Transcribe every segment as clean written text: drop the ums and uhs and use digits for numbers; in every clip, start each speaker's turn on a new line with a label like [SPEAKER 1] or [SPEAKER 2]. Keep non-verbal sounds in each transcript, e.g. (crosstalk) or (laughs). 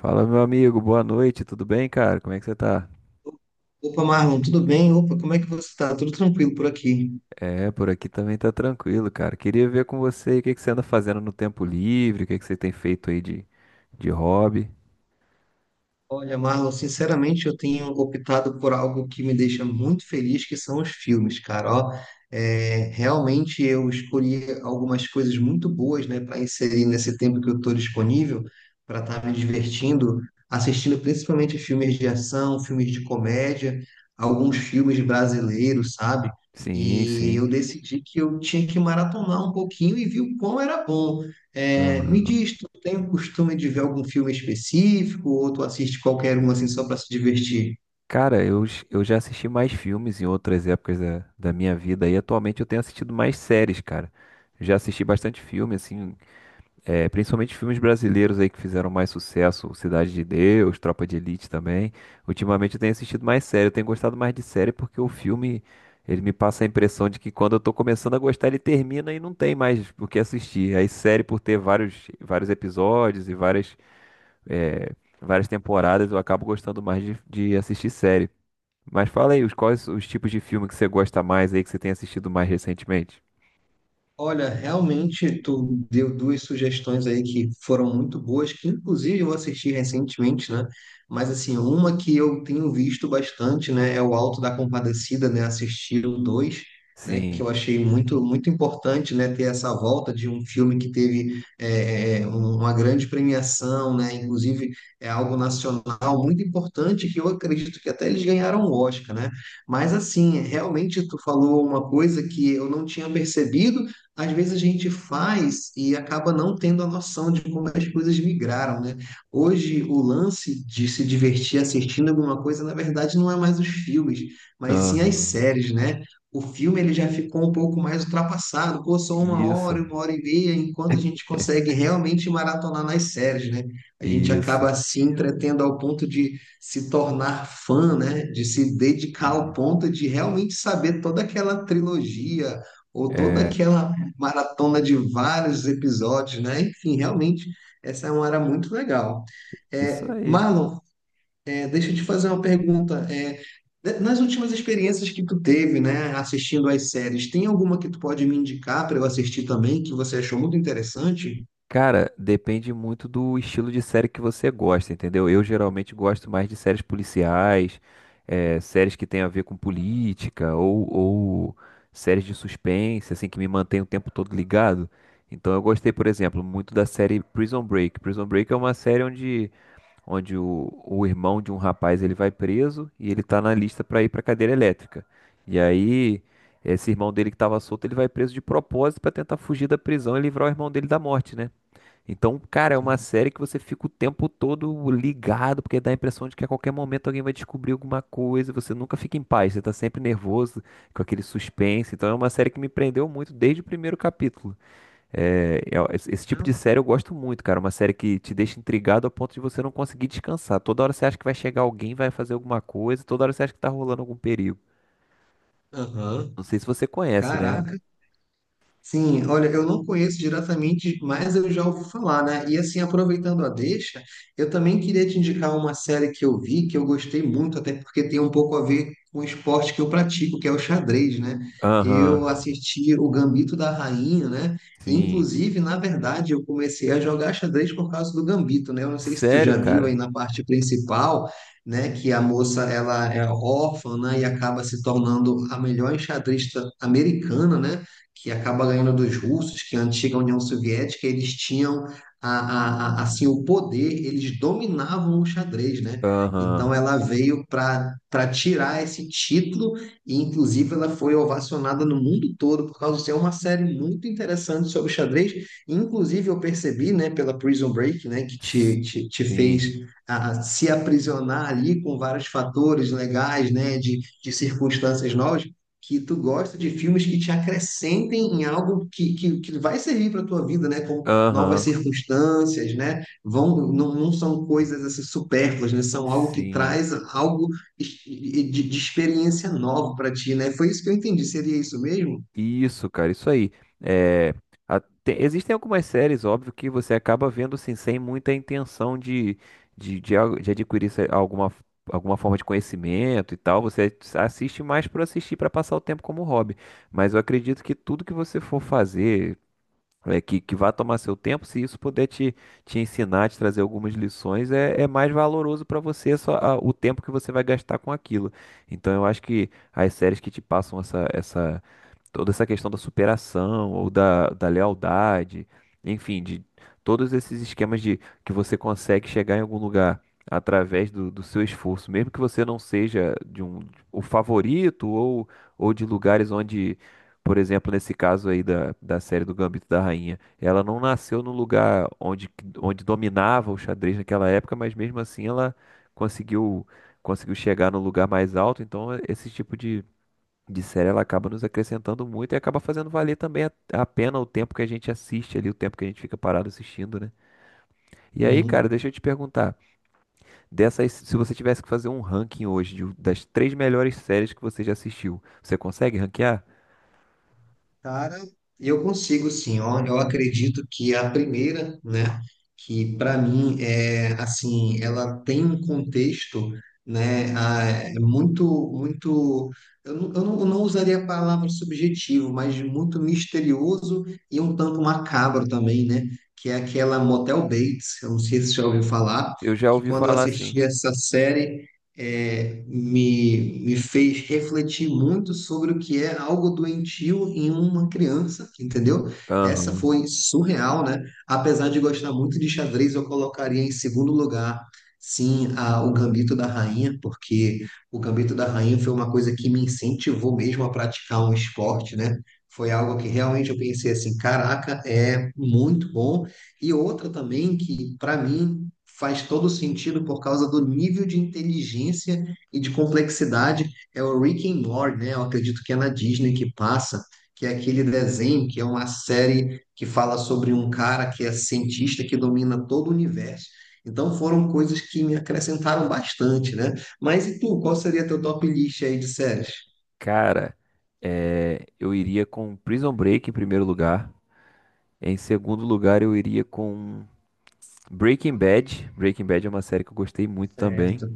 [SPEAKER 1] Fala, meu amigo, boa noite, tudo bem, cara? Como é que você tá?
[SPEAKER 2] Opa, Marlon, tudo bem? Opa, como é que você está? Tudo tranquilo por aqui?
[SPEAKER 1] É, por aqui também tá tranquilo, cara. Queria ver com você o que que você anda fazendo no tempo livre, o que que você tem feito aí de hobby.
[SPEAKER 2] Olha, Marlon, sinceramente, eu tenho optado por algo que me deixa muito feliz, que são os filmes, cara. Ó, realmente eu escolhi algumas coisas muito boas, né, para inserir nesse tempo que eu estou disponível, para estar me divertindo, assistindo principalmente filmes de ação, filmes de comédia, alguns filmes brasileiros, sabe?
[SPEAKER 1] Sim,
[SPEAKER 2] E
[SPEAKER 1] sim.
[SPEAKER 2] eu decidi que eu tinha que maratonar um pouquinho e vi o quão era bom. É, me
[SPEAKER 1] Aham.
[SPEAKER 2] diz, tu tem o costume de ver algum filme específico ou tu assiste qualquer um assim só para se divertir?
[SPEAKER 1] Cara, eu já assisti mais filmes em outras épocas da minha vida e atualmente eu tenho assistido mais séries, cara. Já assisti bastante filme, assim. É, principalmente filmes brasileiros aí que fizeram mais sucesso, Cidade de Deus, Tropa de Elite também. Ultimamente eu tenho assistido mais série, eu tenho gostado mais de série porque o filme, ele me passa a impressão de que quando eu tô começando a gostar, ele termina e não tem mais o que assistir. Aí série por ter vários, vários episódios e várias, é, várias temporadas, eu acabo gostando mais de assistir série. Mas fala aí, os, quais os tipos de filme que você gosta mais aí, que você tem assistido mais recentemente?
[SPEAKER 2] Olha, realmente tu deu duas sugestões aí que foram muito boas, que inclusive eu assisti recentemente, né? Mas assim, uma que eu tenho visto bastante, né, é o Alto da Compadecida, né, assistir o 2, né, que
[SPEAKER 1] Sim.
[SPEAKER 2] eu achei muito importante, né, ter essa volta de um filme que teve uma grande premiação, né, inclusive é algo nacional muito importante que eu acredito que até eles ganharam o Oscar, né? Mas assim, realmente tu falou uma coisa que eu não tinha percebido às vezes a gente faz e acaba não tendo a noção de como as coisas migraram, né? Hoje, o lance de se divertir assistindo alguma coisa, na verdade, não é mais os filmes, mas sim as
[SPEAKER 1] Aham.
[SPEAKER 2] séries, né? O filme ele já ficou um pouco mais ultrapassado, pô, só
[SPEAKER 1] Isso,
[SPEAKER 2] uma hora e meia, enquanto a gente consegue realmente maratonar nas séries, né? A gente
[SPEAKER 1] isso.
[SPEAKER 2] acaba se entretendo ao ponto de se tornar fã, né? De se dedicar ao
[SPEAKER 1] Isso.
[SPEAKER 2] ponto de realmente saber toda aquela trilogia ou toda
[SPEAKER 1] É,
[SPEAKER 2] aquela maratona de vários episódios, né? Enfim, realmente, essa é uma área muito legal.
[SPEAKER 1] isso
[SPEAKER 2] É,
[SPEAKER 1] aí.
[SPEAKER 2] Marlon, deixa eu te fazer uma pergunta. Nas últimas experiências que tu teve, né, assistindo às séries, tem alguma que tu pode me indicar para eu assistir também, que você achou muito interessante?
[SPEAKER 1] Cara, depende muito do estilo de série que você gosta, entendeu? Eu geralmente gosto mais de séries policiais, séries que têm a ver com política, ou séries de suspense, assim, que me mantém o tempo todo ligado. Então eu gostei, por exemplo, muito da série Prison Break. Prison Break é uma série onde o irmão de um rapaz ele vai preso e ele tá na lista para ir para cadeira elétrica. E aí esse irmão dele que estava solto, ele vai preso de propósito para tentar fugir da prisão e livrar o irmão dele da morte, né? Então, cara, é uma
[SPEAKER 2] Sim.
[SPEAKER 1] série que você fica o tempo todo ligado, porque dá a impressão de que a qualquer momento alguém vai descobrir alguma coisa, você nunca fica em paz, você tá sempre nervoso, com aquele suspense. Então, é uma série que me prendeu muito desde o primeiro capítulo. Esse tipo de
[SPEAKER 2] Não?
[SPEAKER 1] série eu gosto muito, cara. Uma série que te deixa intrigado a ponto de você não conseguir descansar. Toda hora você acha que vai chegar alguém, vai fazer alguma coisa, toda hora você acha que tá rolando algum perigo.
[SPEAKER 2] Aham.
[SPEAKER 1] Não sei se você conhece, né?
[SPEAKER 2] Caraca. Sim, olha, eu não conheço diretamente, mas eu já ouvi falar, né? E assim, aproveitando a deixa, eu também queria te indicar uma série que eu vi, que eu gostei muito, até porque tem um pouco a ver com o esporte que eu pratico, que é o xadrez, né?
[SPEAKER 1] Aham,
[SPEAKER 2] Eu assisti o Gambito da Rainha, né?
[SPEAKER 1] sim.
[SPEAKER 2] Inclusive, na verdade, eu comecei a jogar xadrez por causa do Gambito, né? Eu não sei se tu
[SPEAKER 1] Sério,
[SPEAKER 2] já viu aí
[SPEAKER 1] cara?
[SPEAKER 2] na parte principal, né, que a moça ela é órfã, né, e acaba se tornando a melhor enxadrista americana, né? Que acaba ganhando dos russos, que é a antiga União Soviética, eles tinham assim o poder, eles dominavam o xadrez, né? Então
[SPEAKER 1] Aham,
[SPEAKER 2] ela veio para tirar esse título e inclusive ela foi ovacionada no mundo todo por causa de ser uma série muito interessante sobre xadrez. Inclusive eu percebi, né, pela Prison Break, né, que te
[SPEAKER 1] sim.
[SPEAKER 2] fez ah, se aprisionar ali com vários fatores legais, né, de circunstâncias novas que tu gosta de filmes que te acrescentem em algo que vai servir para a tua vida, né? Como novas
[SPEAKER 1] Aham,
[SPEAKER 2] circunstâncias, né? Vão, não, não são coisas assim, supérfluas, né? São algo que
[SPEAKER 1] sim.
[SPEAKER 2] traz algo de experiência nova para ti, né? Foi isso que eu entendi. Seria isso mesmo?
[SPEAKER 1] Isso, cara, isso aí. É, a- te- existem algumas séries, óbvio, que você acaba vendo assim, sem muita intenção de adquirir alguma, alguma forma de conhecimento e tal. Você assiste mais por assistir, para passar o tempo como hobby. Mas eu acredito que tudo que você for fazer, que vá tomar seu tempo, se isso puder te ensinar, te trazer algumas lições, é mais valoroso para você é só, o tempo que você vai gastar com aquilo. Então eu acho que as séries que te passam essa toda essa questão da superação ou da lealdade, enfim, de todos esses esquemas de que você consegue chegar em algum lugar através do seu esforço, mesmo que você não seja de um o favorito ou de lugares onde, por exemplo, nesse caso aí da série do Gambito da Rainha, ela não nasceu no lugar onde, onde dominava o xadrez naquela época, mas mesmo assim ela conseguiu conseguiu chegar no lugar mais alto, então esse tipo de série ela acaba nos acrescentando muito e acaba fazendo valer também a pena o tempo que a gente assiste ali, o tempo que a gente fica parado assistindo, né? E aí, cara,
[SPEAKER 2] Uhum.
[SPEAKER 1] deixa eu te perguntar, dessas, se você tivesse que fazer um ranking hoje de- das três melhores séries que você já assistiu, você consegue ranquear?
[SPEAKER 2] Cara, eu consigo sim. Olha, eu acredito que é a primeira, né, que para mim é assim, ela tem um contexto, né, ah, é muito, muito. Eu não usaria a palavra subjetivo, mas muito misterioso e um tanto macabro também, né? Que é aquela Motel Bates. Eu não sei se você já ouviu falar.
[SPEAKER 1] Eu já
[SPEAKER 2] Que
[SPEAKER 1] ouvi
[SPEAKER 2] quando eu
[SPEAKER 1] falar assim.
[SPEAKER 2] assisti essa série me fez refletir muito sobre o que é algo doentio em uma criança, entendeu? Essa
[SPEAKER 1] Aham.
[SPEAKER 2] foi surreal, né? Apesar de gostar muito de xadrez, eu colocaria em segundo lugar, sim, o Gambito da Rainha, porque o Gambito da Rainha foi uma coisa que me incentivou mesmo a praticar um esporte, né? Foi algo que realmente eu pensei assim, caraca, é muito bom. E outra também que, para mim, faz todo sentido por causa do nível de inteligência e de complexidade. É o Rick and Morty, né? Eu acredito que é na Disney que passa, que é aquele desenho, que é uma série que fala sobre um cara que é cientista que domina todo o universo. Então foram coisas que me acrescentaram bastante, né? Mas e tu, qual seria teu top list aí de séries?
[SPEAKER 1] Cara, eu iria com Prison Break em primeiro lugar. Em segundo lugar, eu iria com Breaking Bad. Breaking Bad é uma série que eu gostei muito também.
[SPEAKER 2] Certo.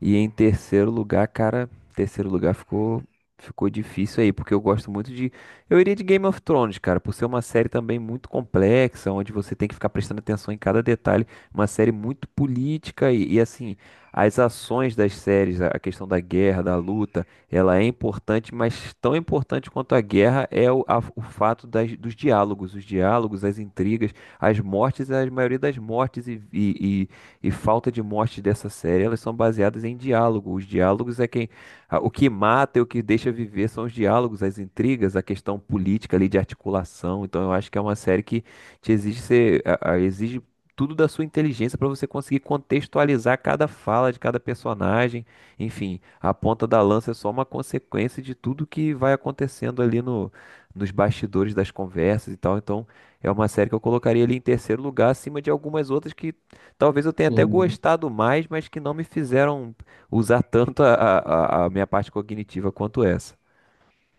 [SPEAKER 1] E em terceiro lugar, cara, terceiro lugar ficou difícil aí, porque eu gosto muito de eu iria de Game of Thrones, cara, por ser uma série também muito complexa, onde você tem que ficar prestando atenção em cada detalhe, uma série muito política assim, as ações das séries, a questão da guerra, da luta, ela é importante, mas tão importante quanto a guerra é o, o fato das, dos diálogos, os diálogos, as intrigas, as mortes, a maioria das mortes e falta de morte dessa série, elas são baseadas em diálogo. Os diálogos é quem, o que mata e o que deixa viver são os diálogos, as intrigas, a questão política ali de articulação. Então eu acho que é uma série que te exige ser, a- exige tudo da sua inteligência para você conseguir contextualizar cada fala de cada personagem. Enfim, a ponta da lança é só uma consequência de tudo que vai acontecendo ali no, nos bastidores das conversas e tal. Então, é uma série que eu colocaria ali em terceiro lugar, acima de algumas outras que talvez eu tenha até
[SPEAKER 2] Sim.
[SPEAKER 1] gostado mais, mas que não me fizeram usar tanto a minha parte cognitiva quanto essa.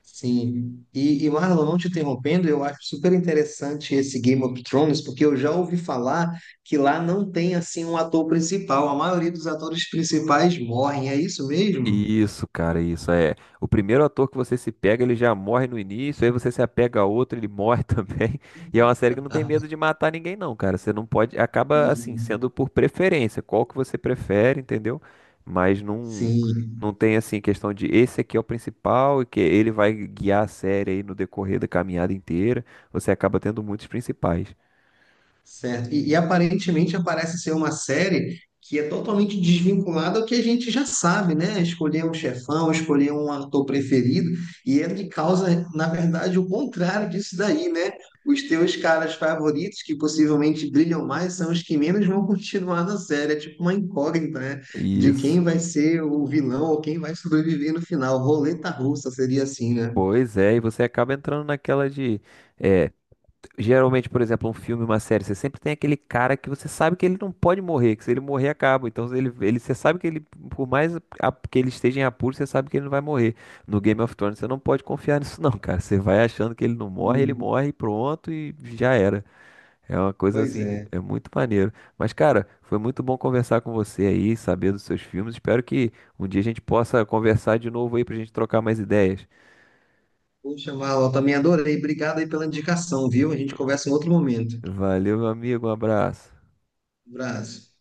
[SPEAKER 2] Sim. E Marlon, não te interrompendo, eu acho super interessante esse Game of Thrones, porque eu já ouvi falar que lá não tem assim um ator principal. A maioria dos atores principais morrem, é isso mesmo?
[SPEAKER 1] Isso, cara, isso é. O primeiro ator que você se pega, ele já morre no início, aí você se apega a outro, ele morre (laughs) também. E é uma série que não tem medo de matar ninguém, não, cara. Você não pode. Acaba, assim,
[SPEAKER 2] Sim.
[SPEAKER 1] sendo por preferência, qual que você prefere, entendeu? Mas não,
[SPEAKER 2] Sim.
[SPEAKER 1] não tem, assim, questão de esse aqui é o principal e que ele vai guiar a série aí no decorrer da caminhada inteira. Você acaba tendo muitos principais.
[SPEAKER 2] Certo. E aparentemente parece ser uma série que é totalmente desvinculada ao que a gente já sabe, né? Escolher um chefão, escolher um ator preferido, e ele causa, na verdade, o contrário disso daí, né? Os teus caras favoritos, que possivelmente brilham mais, são os que menos vão continuar na série. É tipo uma incógnita, né? De
[SPEAKER 1] Isso.
[SPEAKER 2] quem vai ser o vilão ou quem vai sobreviver no final. Roleta russa seria assim, né?
[SPEAKER 1] Pois é, e você acaba entrando naquela de. É, geralmente, por exemplo, um filme, uma série, você sempre tem aquele cara que você sabe que ele não pode morrer, que se ele morrer, acaba. Então, você sabe que ele, por mais que ele esteja em apuros, você sabe que ele não vai morrer. No Game of Thrones, você não pode confiar (laughs) nisso, não, cara. Você vai achando que ele não morre, ele
[SPEAKER 2] Uhum.
[SPEAKER 1] morre e pronto, e já era. É uma coisa
[SPEAKER 2] Pois
[SPEAKER 1] assim,
[SPEAKER 2] é.
[SPEAKER 1] é muito maneiro. Mas, cara, foi muito bom conversar com você aí, saber dos seus filmes. Espero que um dia a gente possa conversar de novo aí pra gente trocar mais ideias.
[SPEAKER 2] Poxa, Val, eu também adorei. Obrigado aí pela indicação, viu? A gente conversa em outro momento.
[SPEAKER 1] Valeu, meu amigo. Um abraço.
[SPEAKER 2] Um abraço.